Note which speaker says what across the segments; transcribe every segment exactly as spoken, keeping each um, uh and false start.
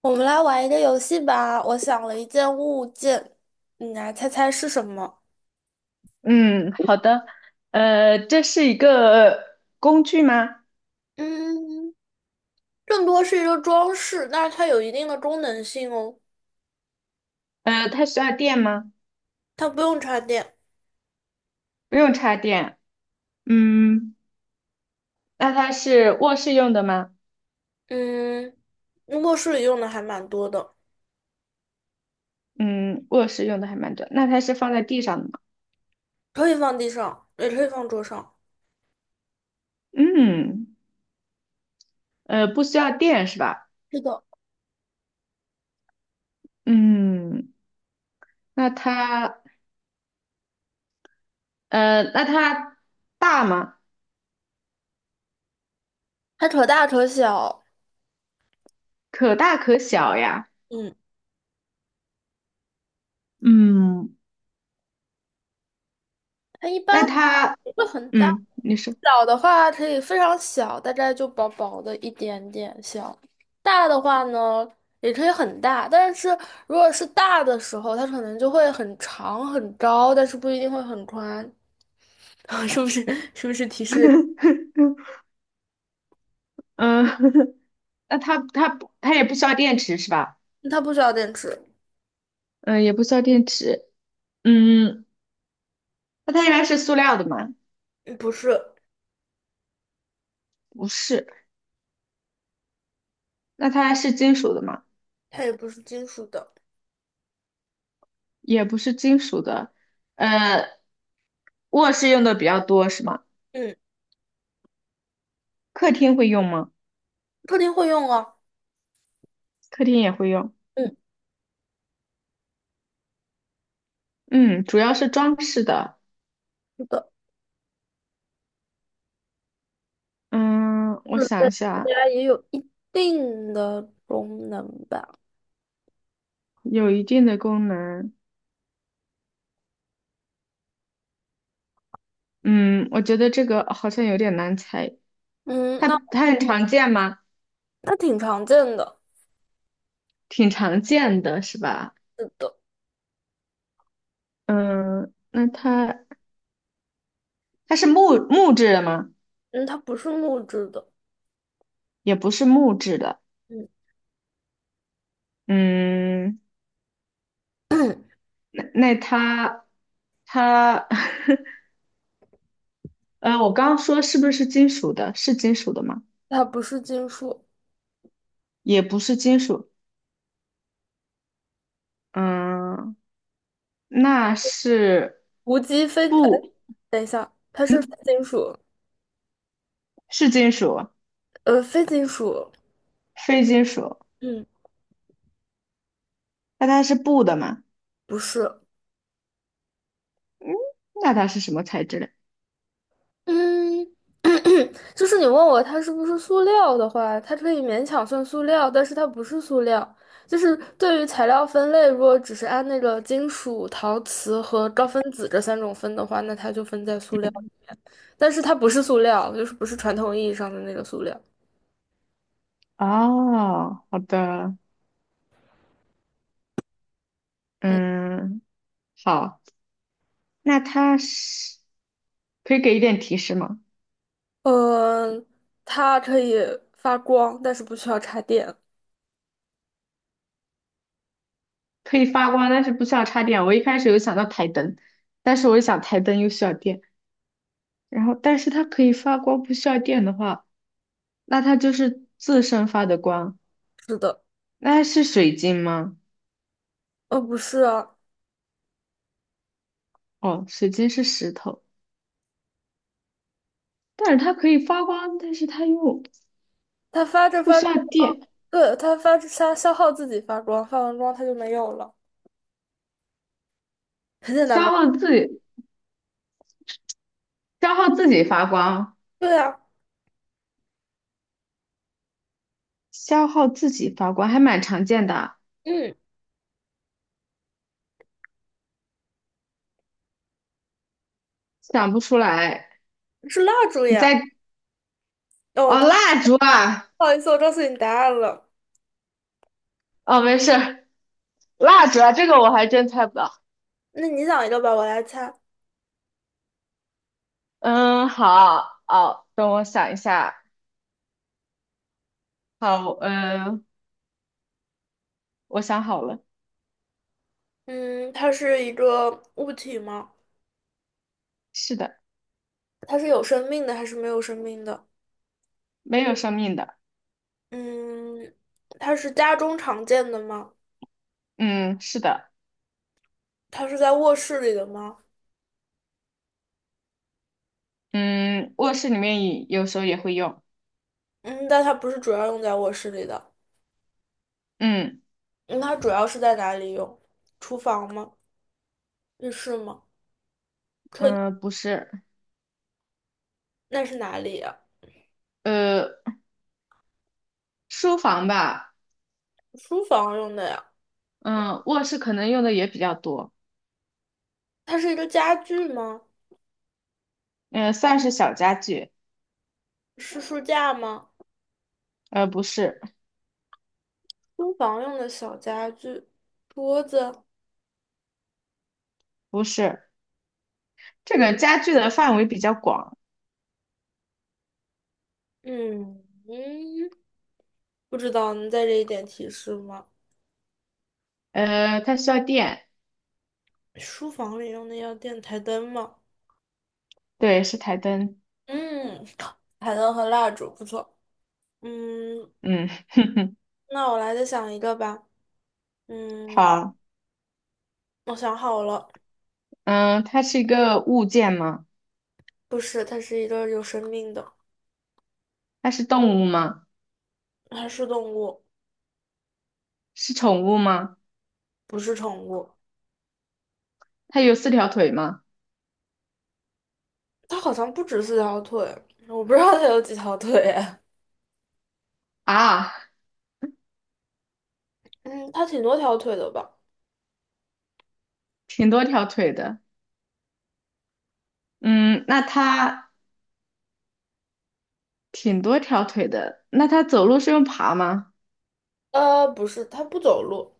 Speaker 1: 我们来玩一个游戏吧。我想了一件物件，你来猜猜是什么？
Speaker 2: 嗯，好的。呃，这是一个工具吗？
Speaker 1: 嗯，更多是一个装饰，但是它有一定的功能性哦。
Speaker 2: 呃，它需要电吗？
Speaker 1: 它不用插电。
Speaker 2: 不用插电。嗯，那它是卧室用的吗？
Speaker 1: 嗯，卧室里用的还蛮多的，
Speaker 2: 嗯，卧室用的还蛮多。那它是放在地上的吗？
Speaker 1: 可以放地上，也可以放桌上。
Speaker 2: 嗯，呃，不需要电是吧？
Speaker 1: 是的，
Speaker 2: 嗯，那它，呃，那它大吗？
Speaker 1: 它可大可小。
Speaker 2: 可大可小呀。
Speaker 1: 嗯。
Speaker 2: 嗯，
Speaker 1: 它一般
Speaker 2: 那它，
Speaker 1: 不会很大，
Speaker 2: 嗯，你说，
Speaker 1: 小的话可以非常小，大概就薄薄的一点点小。大的话呢，也可以很大，但是如果是大的时候，它可能就会很长很高，但是不一定会很宽。是不是？是不是提示？
Speaker 2: 嗯，那它它不它也不需要电池是吧？
Speaker 1: 它不需要电池。
Speaker 2: 嗯、呃也不需要电池。嗯，那它应该是塑料的吗？
Speaker 1: 嗯不是，
Speaker 2: 不是。那它是金属的吗？
Speaker 1: 它也不是金属的。
Speaker 2: 也不是金属的。呃，卧室用的比较多是吗？
Speaker 1: 嗯，
Speaker 2: 客厅会用吗？
Speaker 1: 客厅会用啊。
Speaker 2: 客厅也会用。
Speaker 1: 嗯，
Speaker 2: 嗯，主要是装饰的。
Speaker 1: 是的，
Speaker 2: 嗯，我
Speaker 1: 自
Speaker 2: 想一下，
Speaker 1: 家也有一定的功能吧。
Speaker 2: 有一定的功能。嗯，我觉得这个好像有点难猜。
Speaker 1: 嗯，
Speaker 2: 它
Speaker 1: 那
Speaker 2: 它很常见吗？
Speaker 1: 它挺常见的。
Speaker 2: 挺常见的是吧？
Speaker 1: 是的。
Speaker 2: 嗯，那它它是木木质的吗？
Speaker 1: 嗯，它不是木质的。
Speaker 2: 也不是木质的。
Speaker 1: 嗯，
Speaker 2: 嗯，那那它它 呃，我刚刚说是不是金属的？是金属的吗？
Speaker 1: 它不是金属，
Speaker 2: 也不是金属。嗯，那是
Speaker 1: 无机非，哎，
Speaker 2: 布，
Speaker 1: 等一下，它是非金属，
Speaker 2: 是金属，
Speaker 1: 呃，非金属。
Speaker 2: 非金属。
Speaker 1: 嗯，
Speaker 2: 那它是布的吗？
Speaker 1: 不是。
Speaker 2: 嗯，那它是什么材质的？
Speaker 1: 嗯，就是你问我它是不是塑料的话，它可以勉强算塑料，但是它不是塑料。就是对于材料分类，如果只是按那个金属、陶瓷和高分子这三种分的话，那它就分在塑料，但是它不是塑料，就是不是传统意义上的那个塑料。
Speaker 2: 哦，好的，嗯，好，那它是可以给一点提示吗？
Speaker 1: 嗯，它可以发光，但是不需要插电。
Speaker 2: 可以发光，但是不需要插电。我一开始有想到台灯，但是我一想台灯又需要电，然后但是它可以发光，不需要电的话，那它就是自身发的光。
Speaker 1: 是的。
Speaker 2: 那是水晶吗？
Speaker 1: 呃，不是啊，
Speaker 2: 哦，水晶是石头，但是它可以发光，但是它又
Speaker 1: 它发着
Speaker 2: 不
Speaker 1: 发
Speaker 2: 需
Speaker 1: 着，
Speaker 2: 要电，
Speaker 1: 对，它发着它消耗自己发光，发完光它就没有了，很简单
Speaker 2: 消
Speaker 1: 吧？
Speaker 2: 耗自己，消耗自己发光，
Speaker 1: 对啊。
Speaker 2: 消耗自己发光还蛮常见的啊
Speaker 1: 嗯，
Speaker 2: 想不出来。
Speaker 1: 是蜡烛
Speaker 2: 你
Speaker 1: 呀。
Speaker 2: 在，
Speaker 1: 哦，
Speaker 2: 哦，蜡烛啊，
Speaker 1: 不好意思，我告诉你答案了。
Speaker 2: 哦，没事儿蜡烛啊，这个我还真猜不到。
Speaker 1: 那你想一个吧，我来猜。
Speaker 2: 嗯，好，哦，等我想一下。好，呃，我想好了，
Speaker 1: 嗯，它是一个物体吗？
Speaker 2: 是的，
Speaker 1: 它是有生命的还是没有生命的？
Speaker 2: 没有生命的。
Speaker 1: 嗯，它是家中常见的吗？
Speaker 2: 嗯，是的，
Speaker 1: 它是在卧室里的吗？
Speaker 2: 嗯，卧室里面也有时候也会用。
Speaker 1: 嗯，但它不是主要用在卧室里的。
Speaker 2: 嗯
Speaker 1: 嗯它主要是在哪里用？厨房吗？浴室吗？
Speaker 2: 嗯，呃不是，
Speaker 1: 那是哪里呀？
Speaker 2: 呃，书房吧，
Speaker 1: 书房用的呀？
Speaker 2: 嗯，卧室可能用的也比较多。
Speaker 1: 它是一个家具吗？
Speaker 2: 嗯，算是小家具。
Speaker 1: 是书架吗？
Speaker 2: 呃，不是，
Speaker 1: 书房用的小家具，桌子。
Speaker 2: 不是，这个家具的范围比较广。
Speaker 1: 嗯嗯，不知道，能再这一点提示吗？
Speaker 2: 呃，它需要电，
Speaker 1: 书房里用的要电台灯吗？
Speaker 2: 对，是台灯。
Speaker 1: 嗯，台灯和蜡烛不错。嗯，
Speaker 2: 嗯，
Speaker 1: 那我来再想一个吧。嗯，
Speaker 2: 好，
Speaker 1: 我想好了。
Speaker 2: 嗯，它是一个物件吗？
Speaker 1: 不是，它是一个有生命的，
Speaker 2: 它是动物吗？
Speaker 1: 它是动物。
Speaker 2: 是宠物吗？
Speaker 1: 不是宠物，
Speaker 2: 它有四条腿吗？
Speaker 1: 它好像不止四条腿，我不知道它有几条腿哎。
Speaker 2: 啊，
Speaker 1: 嗯，它挺多条腿的吧？
Speaker 2: 挺多条腿的。嗯，那它挺多条腿的。那它走路是用爬吗？
Speaker 1: 呃，不是，它不走路。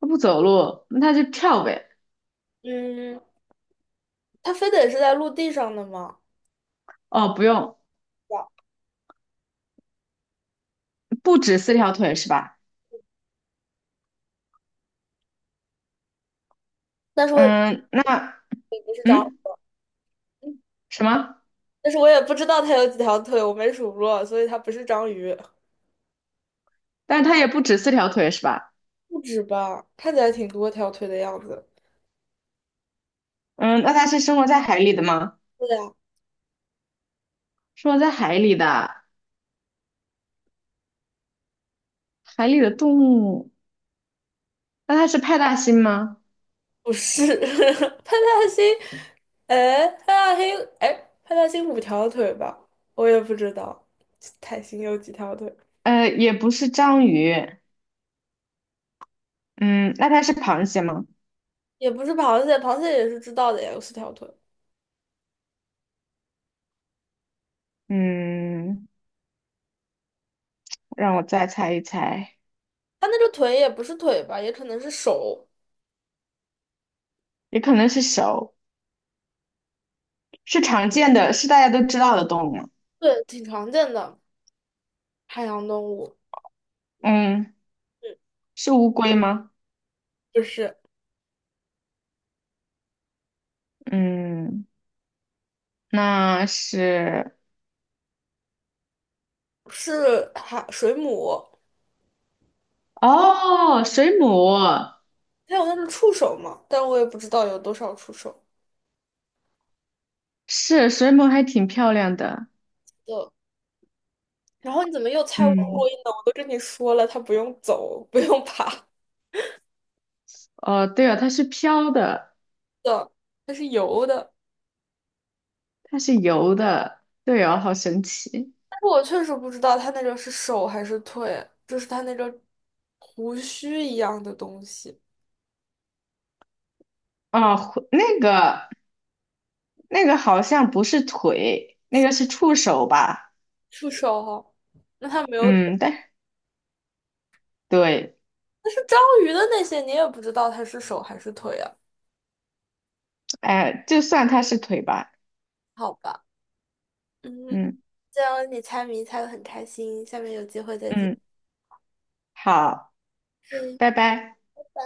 Speaker 2: 它不走路，那它就跳呗。
Speaker 1: 嗯，它非得是在陆地上的吗？
Speaker 2: 哦，不用，
Speaker 1: 哇
Speaker 2: 不止四条腿是吧？
Speaker 1: 但是我也
Speaker 2: 嗯，那
Speaker 1: 不是章，
Speaker 2: 嗯什么？
Speaker 1: 但是我也不知道它有几条腿，我没数过，所以它不是章鱼，
Speaker 2: 但它也不止四条腿是吧？
Speaker 1: 不止吧？看起来挺多条腿的样子。
Speaker 2: 嗯，那它是生活在海里的吗？
Speaker 1: 对呀，
Speaker 2: 生活在海里的，海里的动物，那它是派大星吗？
Speaker 1: 不是。派大星，哎，派大星，哎，派大星五条腿吧？我也不知道，泰星有几条腿。
Speaker 2: 呃，也不是章鱼。嗯，那它是螃蟹吗？
Speaker 1: 也不是螃蟹，螃蟹也是知道的呀，有四条腿。
Speaker 2: 嗯，让我再猜一猜，
Speaker 1: 它那个腿也不是腿吧，也可能是手。
Speaker 2: 也可能是手，是常见的，是大家都知道的动物吗
Speaker 1: 对，挺常见的海洋动物，
Speaker 2: 嗯，是乌龟吗？
Speaker 1: 就是
Speaker 2: 嗯，那是，
Speaker 1: 是海水母，
Speaker 2: 哦，水母，
Speaker 1: 它有那种触手嘛，但我也不知道有多少触手
Speaker 2: 是水母还挺漂亮的。
Speaker 1: 的。然后你怎么又猜乌龟
Speaker 2: 嗯，
Speaker 1: 呢？我都跟你说了，它不用走，不用爬
Speaker 2: 哦，对哦，它是飘的，
Speaker 1: 的，它是游的。
Speaker 2: 它是游的，对哦，好神奇。
Speaker 1: 但是我确实不知道它那个是手还是腿，就是它那个胡须一样的东西，
Speaker 2: 哦，回那个那个好像不是腿，那个是触手吧？
Speaker 1: 触手哈。那它没有。
Speaker 2: 嗯，但对，
Speaker 1: 但是章鱼的那些，你也不知道它是手还是腿啊？
Speaker 2: 哎，就算它是腿吧。
Speaker 1: 好吧。嗯，
Speaker 2: 嗯
Speaker 1: 这样你猜谜猜得很开心，下面有机会再见。
Speaker 2: 嗯，好，
Speaker 1: 嗯，
Speaker 2: 拜拜。
Speaker 1: 拜拜。